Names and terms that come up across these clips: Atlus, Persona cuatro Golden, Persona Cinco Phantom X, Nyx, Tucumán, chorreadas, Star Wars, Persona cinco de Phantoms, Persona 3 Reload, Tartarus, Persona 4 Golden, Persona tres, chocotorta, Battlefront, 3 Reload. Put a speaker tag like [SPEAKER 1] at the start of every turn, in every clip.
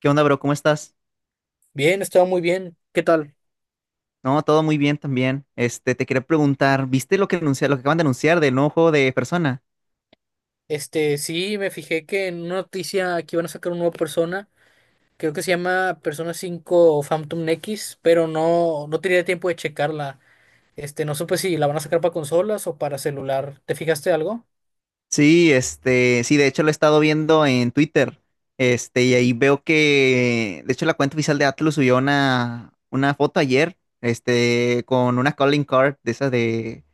[SPEAKER 1] ¿Qué onda, bro? ¿Cómo estás?
[SPEAKER 2] Bien, estaba muy bien. ¿Qué tal?
[SPEAKER 1] No, todo muy bien también. Te quería preguntar, ¿viste lo que acaban de anunciar del nuevo juego de Persona?
[SPEAKER 2] Sí, me fijé que en una noticia aquí van a sacar una nueva persona. Creo que se llama Persona Cinco Phantom X, pero no, no tenía tiempo de checarla. No supe si la van a sacar para consolas o para celular. ¿Te fijaste algo?
[SPEAKER 1] Sí, de hecho lo he estado viendo en Twitter. Y ahí veo que, de hecho, la cuenta oficial de Atlus subió una foto ayer, con una calling card de esas de,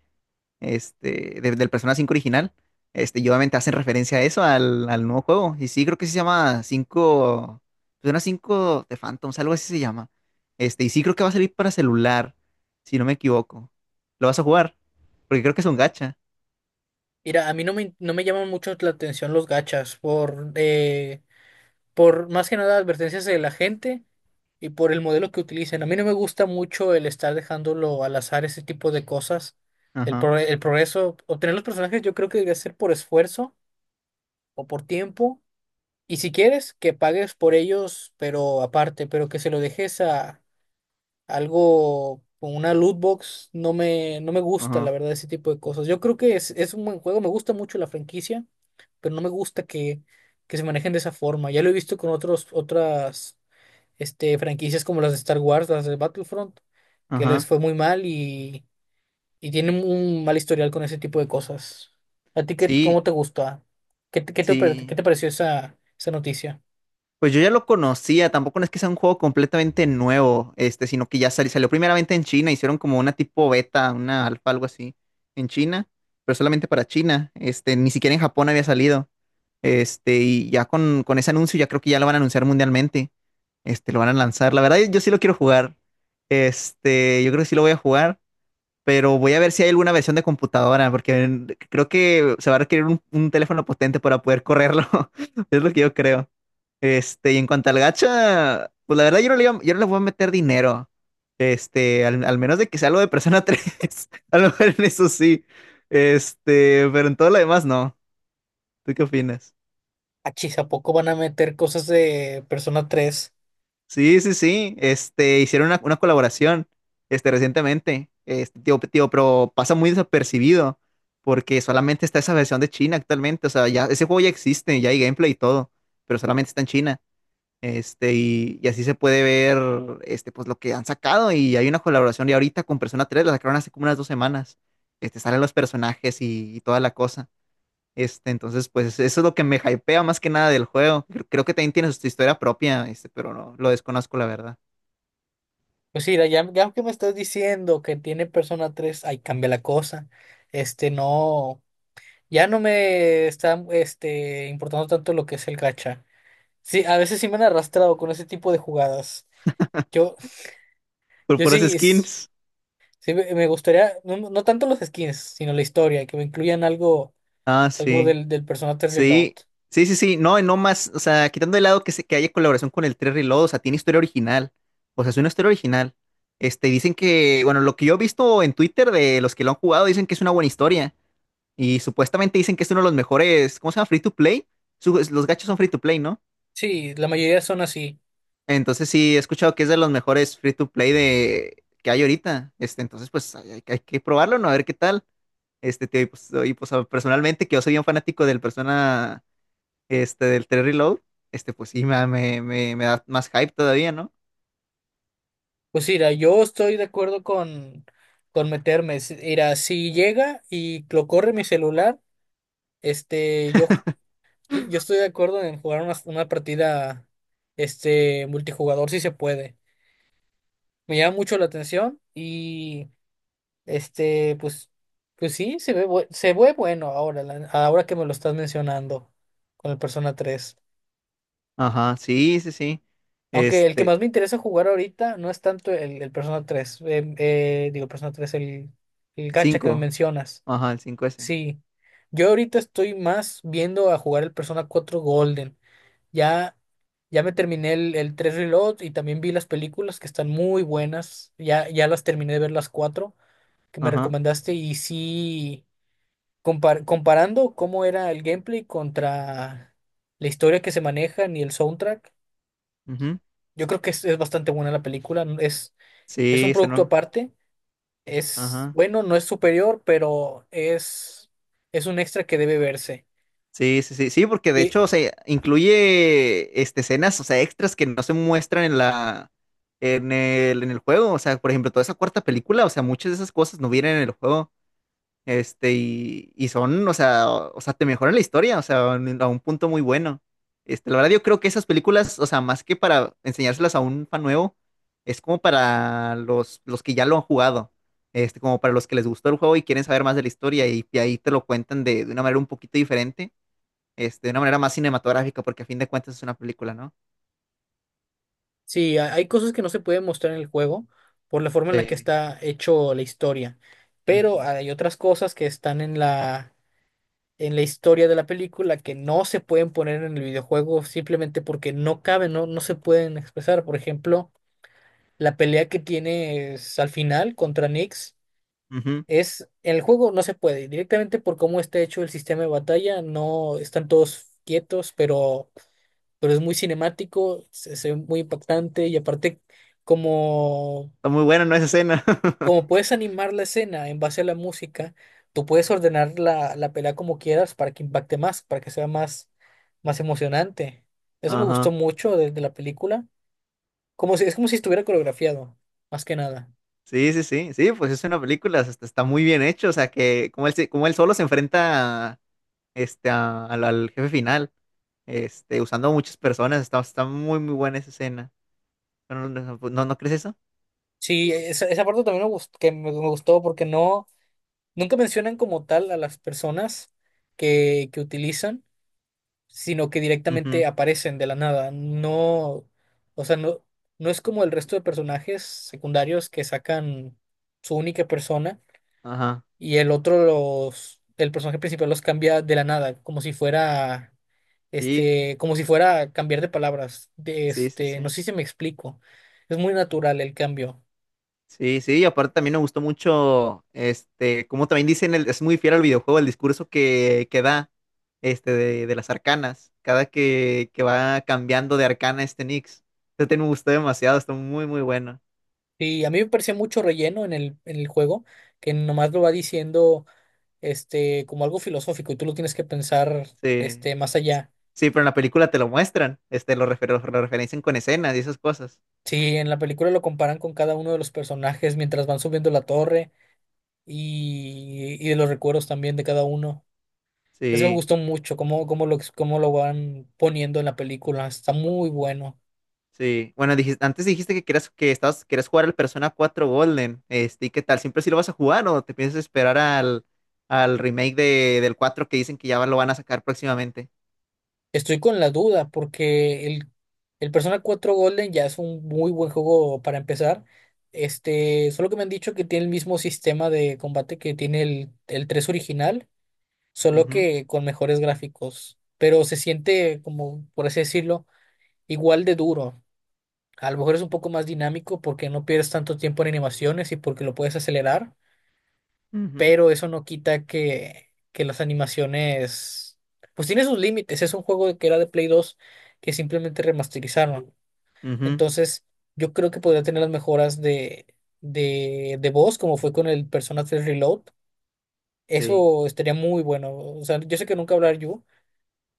[SPEAKER 1] del Persona 5 original. Y obviamente hacen referencia a eso, al nuevo juego. Y sí, creo que sí se llama cinco Persona cinco de Phantoms, algo así se llama. Y sí creo que va a salir para celular, si no me equivoco. ¿Lo vas a jugar? Porque creo que es un gacha.
[SPEAKER 2] Mira, a mí no me llaman mucho la atención los gachas por más que nada advertencias de la gente y por el modelo que utilicen. A mí no me gusta mucho el estar dejándolo al azar ese tipo de cosas. El,
[SPEAKER 1] Ajá,
[SPEAKER 2] pro- el progreso, obtener los personajes yo creo que debe ser por esfuerzo o por tiempo. Y si quieres, que pagues por ellos, pero aparte, pero que se lo dejes a algo con una loot box, no me gusta, la
[SPEAKER 1] ajá,
[SPEAKER 2] verdad, ese tipo de cosas. Yo creo que es un buen juego, me gusta mucho la franquicia, pero no me gusta que se manejen de esa forma. Ya lo he visto con otras franquicias como las de Star Wars, las de Battlefront, que les
[SPEAKER 1] ajá.
[SPEAKER 2] fue muy mal y tienen un mal historial con ese tipo de cosas. ¿A ti qué,
[SPEAKER 1] Sí,
[SPEAKER 2] cómo te gusta? ¿Qué
[SPEAKER 1] sí.
[SPEAKER 2] te pareció esa noticia?
[SPEAKER 1] Pues yo ya lo conocía, tampoco no es que sea un juego completamente nuevo, sino que salió primeramente en China, hicieron como una tipo beta, una alfa, algo así, en China, pero solamente para China, ni siquiera en Japón había salido, y ya con ese anuncio ya creo que ya lo van a anunciar mundialmente, lo van a lanzar, la verdad yo sí lo quiero jugar, yo creo que sí lo voy a jugar, pero voy a ver si hay alguna versión de computadora, porque creo que se va a requerir un teléfono potente para poder correrlo, es lo que yo creo. Y en cuanto al gacha, pues la verdad yo no le voy a meter dinero. Al menos de que sea algo de Persona tres. A lo mejor en eso sí. Pero en todo lo demás no. ¿Tú qué opinas?
[SPEAKER 2] Achis, ¿a poco van a meter cosas de Persona 3?
[SPEAKER 1] Sí, sí, sí. Hicieron una colaboración, recientemente. Pero pasa muy desapercibido porque solamente está esa versión de China actualmente. O sea, ya, ese juego ya existe, ya hay gameplay y todo, pero solamente está en China. Y así se puede ver, pues lo que han sacado. Y hay una colaboración ya ahorita con Persona tres, la sacaron hace como unas dos semanas. Salen los personajes y toda la cosa. Entonces, pues eso es lo que me hypea más que nada del juego. Creo que también tiene su historia propia, pero no, lo desconozco la verdad.
[SPEAKER 2] Pues mira, ya, ya que me estás diciendo que tiene Persona 3, ahí cambia la cosa. No, ya no me está importando tanto lo que es el gacha. Sí, a veces sí me han arrastrado con ese tipo de jugadas. Yo,
[SPEAKER 1] Por
[SPEAKER 2] Yo
[SPEAKER 1] puras
[SPEAKER 2] sí, es-
[SPEAKER 1] skins.
[SPEAKER 2] sí me gustaría, no, no tanto los skins, sino la historia, que me incluyan algo,
[SPEAKER 1] Ah,
[SPEAKER 2] algo
[SPEAKER 1] sí.
[SPEAKER 2] del personaje Reload.
[SPEAKER 1] Sí, sí, sí, sí, no, y no más, o sea, quitando de lado que haya colaboración con el 3 Reload, o sea, tiene historia original, o sea, es una historia original. Dicen que, bueno, lo que yo he visto en Twitter de los que lo han jugado, dicen que es una buena historia, y supuestamente dicen que es uno de los mejores, ¿cómo se llama? Free to play. Los gachos son free to play, ¿no?
[SPEAKER 2] Sí, la mayoría son así.
[SPEAKER 1] Entonces sí, he escuchado que es de los mejores free to play de, que hay ahorita, entonces pues hay que probarlo, ¿no? A ver qué tal. Y pues, y, pues, personalmente, que yo soy un fanático del Persona, del 3 Reload, pues sí, me da más hype todavía, ¿no?
[SPEAKER 2] Pues mira, yo estoy de acuerdo con meterme. Mira, si llega y lo corre mi celular, este, yo Sí, Yo estoy de acuerdo en jugar una partida multijugador si se puede. Me llama mucho la atención y este pues pues sí se ve bueno, ahora que me lo estás mencionando con el Persona tres.
[SPEAKER 1] Ajá, sí, sí, sí.
[SPEAKER 2] Aunque el que
[SPEAKER 1] Este,
[SPEAKER 2] más me interesa jugar ahorita no es tanto el Persona tres, digo Persona tres, el gacha que me
[SPEAKER 1] Cinco,
[SPEAKER 2] mencionas.
[SPEAKER 1] ajá, el cinco s.
[SPEAKER 2] Sí. Yo ahorita estoy más viendo a jugar el Persona cuatro Golden. Ya, ya me terminé el tres Reload y también vi las películas que están muy buenas. Ya, ya las terminé de ver las cuatro que me
[SPEAKER 1] Ajá,
[SPEAKER 2] recomendaste y sí, comparando cómo era el gameplay contra la historia que se maneja y el soundtrack,
[SPEAKER 1] ujú.
[SPEAKER 2] yo creo que es bastante buena la película. Es un
[SPEAKER 1] Sí, se
[SPEAKER 2] producto
[SPEAKER 1] no.
[SPEAKER 2] aparte. Es,
[SPEAKER 1] Ajá.
[SPEAKER 2] bueno, no es superior, pero es un extra que debe verse.
[SPEAKER 1] Sí, sí, sí, sí, porque de
[SPEAKER 2] Y,
[SPEAKER 1] hecho, o sea, incluye escenas, o sea, extras que no se muestran en en en el juego. O sea, por ejemplo, toda esa cuarta película, o sea, muchas de esas cosas no vienen en el juego. Y son, o sea, te mejoran la historia, a un punto muy bueno. La verdad, yo creo que esas películas, o sea, más que para enseñárselas a un fan nuevo, es como para los que ya lo han jugado. Como para los que les gustó el juego y quieren saber más de la historia, y ahí te lo cuentan de una manera un poquito diferente, de una manera más cinematográfica, porque a fin de cuentas es una película, ¿no?
[SPEAKER 2] Sí, hay cosas que no se pueden mostrar en el juego por la forma en la que
[SPEAKER 1] Sí.
[SPEAKER 2] está hecho la historia, pero
[SPEAKER 1] Ujú.
[SPEAKER 2] hay otras cosas que están en la historia de la película que no se pueden poner en el videojuego simplemente porque no caben, no, no se pueden expresar. Por ejemplo, la pelea que tienes al final contra Nyx
[SPEAKER 1] Ujú.
[SPEAKER 2] es en el juego no se puede, directamente por cómo está hecho el sistema de batalla, no están todos quietos, pero es muy cinemático, se ve muy impactante y aparte como,
[SPEAKER 1] Está muy bueno, ¿no? Esa escena.
[SPEAKER 2] como puedes animar la escena en base a la música, tú puedes ordenar la, la pelea como quieras para que impacte más, para que sea más, más emocionante. Eso me gustó
[SPEAKER 1] Ajá.
[SPEAKER 2] mucho de la película, como si, es como si estuviera coreografiado, más que nada.
[SPEAKER 1] Sí, sí, sí, sí, pues es una película, hasta está muy bien hecho, o sea que como él solo se enfrenta al jefe final, usando a muchas personas, está, está muy, muy buena esa escena. Bueno, no crees eso?
[SPEAKER 2] Sí, esa parte también me gustó, que me gustó porque no, nunca mencionan como tal a las personas que utilizan, sino que directamente
[SPEAKER 1] Ujú.
[SPEAKER 2] aparecen de la nada. No, o sea, no, no es como el resto de personajes secundarios que sacan su única persona
[SPEAKER 1] Ajá,
[SPEAKER 2] y el otro el personaje principal los cambia de la nada, como si fuera,
[SPEAKER 1] sí,
[SPEAKER 2] como si fuera cambiar de palabras.
[SPEAKER 1] sí, sí,
[SPEAKER 2] No
[SPEAKER 1] sí.
[SPEAKER 2] sé si me explico. Es muy natural el cambio.
[SPEAKER 1] Sí, sí, y aparte también me gustó mucho, como también dicen, el, es muy fiel al videojuego, el discurso que da, de las arcanas, que va cambiando de arcana este Nix. Me gustó demasiado, está muy, muy bueno.
[SPEAKER 2] Y a mí me parecía mucho relleno en el juego, que nomás lo va diciendo como algo filosófico y tú lo tienes que pensar
[SPEAKER 1] Sí,
[SPEAKER 2] más allá.
[SPEAKER 1] sí, pero en la película te lo muestran, lo referencian con escenas y esas cosas.
[SPEAKER 2] Sí, en la película lo comparan con cada uno de los personajes mientras van subiendo la torre y de los recuerdos también de cada uno. Eso me
[SPEAKER 1] Sí,
[SPEAKER 2] gustó mucho, cómo lo van poniendo en la película. Está muy bueno.
[SPEAKER 1] sí. Bueno, dijiste, antes dijiste que querías jugar al Persona cuatro Golden, ¿y qué tal? ¿Siempre sí lo vas a jugar o te piensas esperar al remake del 4 que dicen que ya lo van a sacar próximamente?
[SPEAKER 2] Estoy con la duda porque el Persona 4 Golden ya es un muy buen juego para empezar. Solo que me han dicho que tiene el mismo sistema de combate que tiene el 3 original, solo
[SPEAKER 1] Ujú,
[SPEAKER 2] que con mejores gráficos. Pero se siente como, por así decirlo, igual de duro. A lo mejor es un poco más dinámico porque no pierdes tanto tiempo en animaciones y porque lo puedes acelerar,
[SPEAKER 1] ujú,
[SPEAKER 2] pero eso no quita que las animaciones, pues tiene sus límites. Es un juego que era de Play 2 que simplemente remasterizaron.
[SPEAKER 1] ujú,
[SPEAKER 2] Entonces, yo creo que podría tener las mejoras de voz, como fue con el Persona 3 Reload.
[SPEAKER 1] sí.
[SPEAKER 2] Eso estaría muy bueno. O sea, yo sé que nunca hablar yo,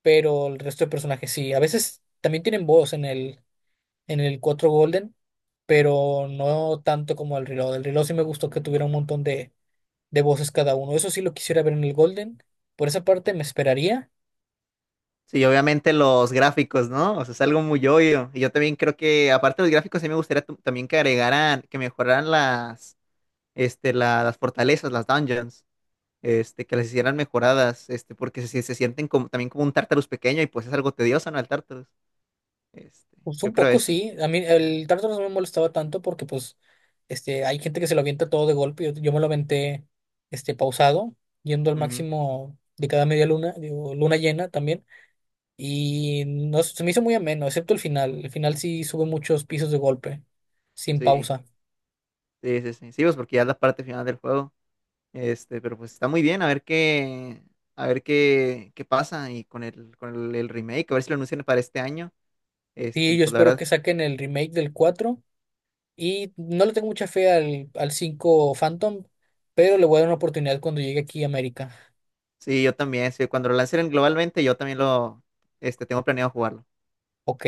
[SPEAKER 2] pero el resto de personajes sí. A veces también tienen voz en el cuatro Golden, pero no tanto como el reloj. El reloj sí me gustó que tuviera un montón de voces cada uno. Eso sí lo quisiera ver en el Golden. Por esa parte me esperaría.
[SPEAKER 1] Sí, obviamente los gráficos, ¿no? O sea, es algo muy obvio. Y yo también creo que, aparte de los gráficos, sí me gustaría también que agregaran, que mejoraran las fortalezas, las dungeons. Que las hicieran mejoradas, porque se sienten como, también como un Tartarus pequeño y pues es algo tedioso, ¿no? El Tartarus. Este,
[SPEAKER 2] Pues
[SPEAKER 1] yo
[SPEAKER 2] un
[SPEAKER 1] creo
[SPEAKER 2] poco
[SPEAKER 1] eso, ¿no?
[SPEAKER 2] sí. A mí el Tartarus no me molestaba tanto porque pues hay gente que se lo avienta todo de golpe. Yo me lo aventé pausado, yendo al
[SPEAKER 1] Ujú.
[SPEAKER 2] máximo de cada media luna, digo, luna llena también. Y no, se me hizo muy ameno, excepto el final. El final sí sube muchos pisos de golpe, sin
[SPEAKER 1] Sí,
[SPEAKER 2] pausa.
[SPEAKER 1] sí, sí, sí. Sí, pues porque ya es la parte final del juego. Pero pues está muy bien, a ver qué, a ver qué pasa y el remake, a ver si lo anuncian para este año.
[SPEAKER 2] Y
[SPEAKER 1] Y
[SPEAKER 2] yo
[SPEAKER 1] pues la
[SPEAKER 2] espero
[SPEAKER 1] verdad,
[SPEAKER 2] que saquen el remake del cuatro. Y no le tengo mucha fe al, al cinco Phantom, pero le voy a dar una oportunidad cuando llegue aquí a América.
[SPEAKER 1] sí, yo también, sí, cuando lo lancen globalmente, yo también lo, tengo planeado jugarlo.
[SPEAKER 2] Ok.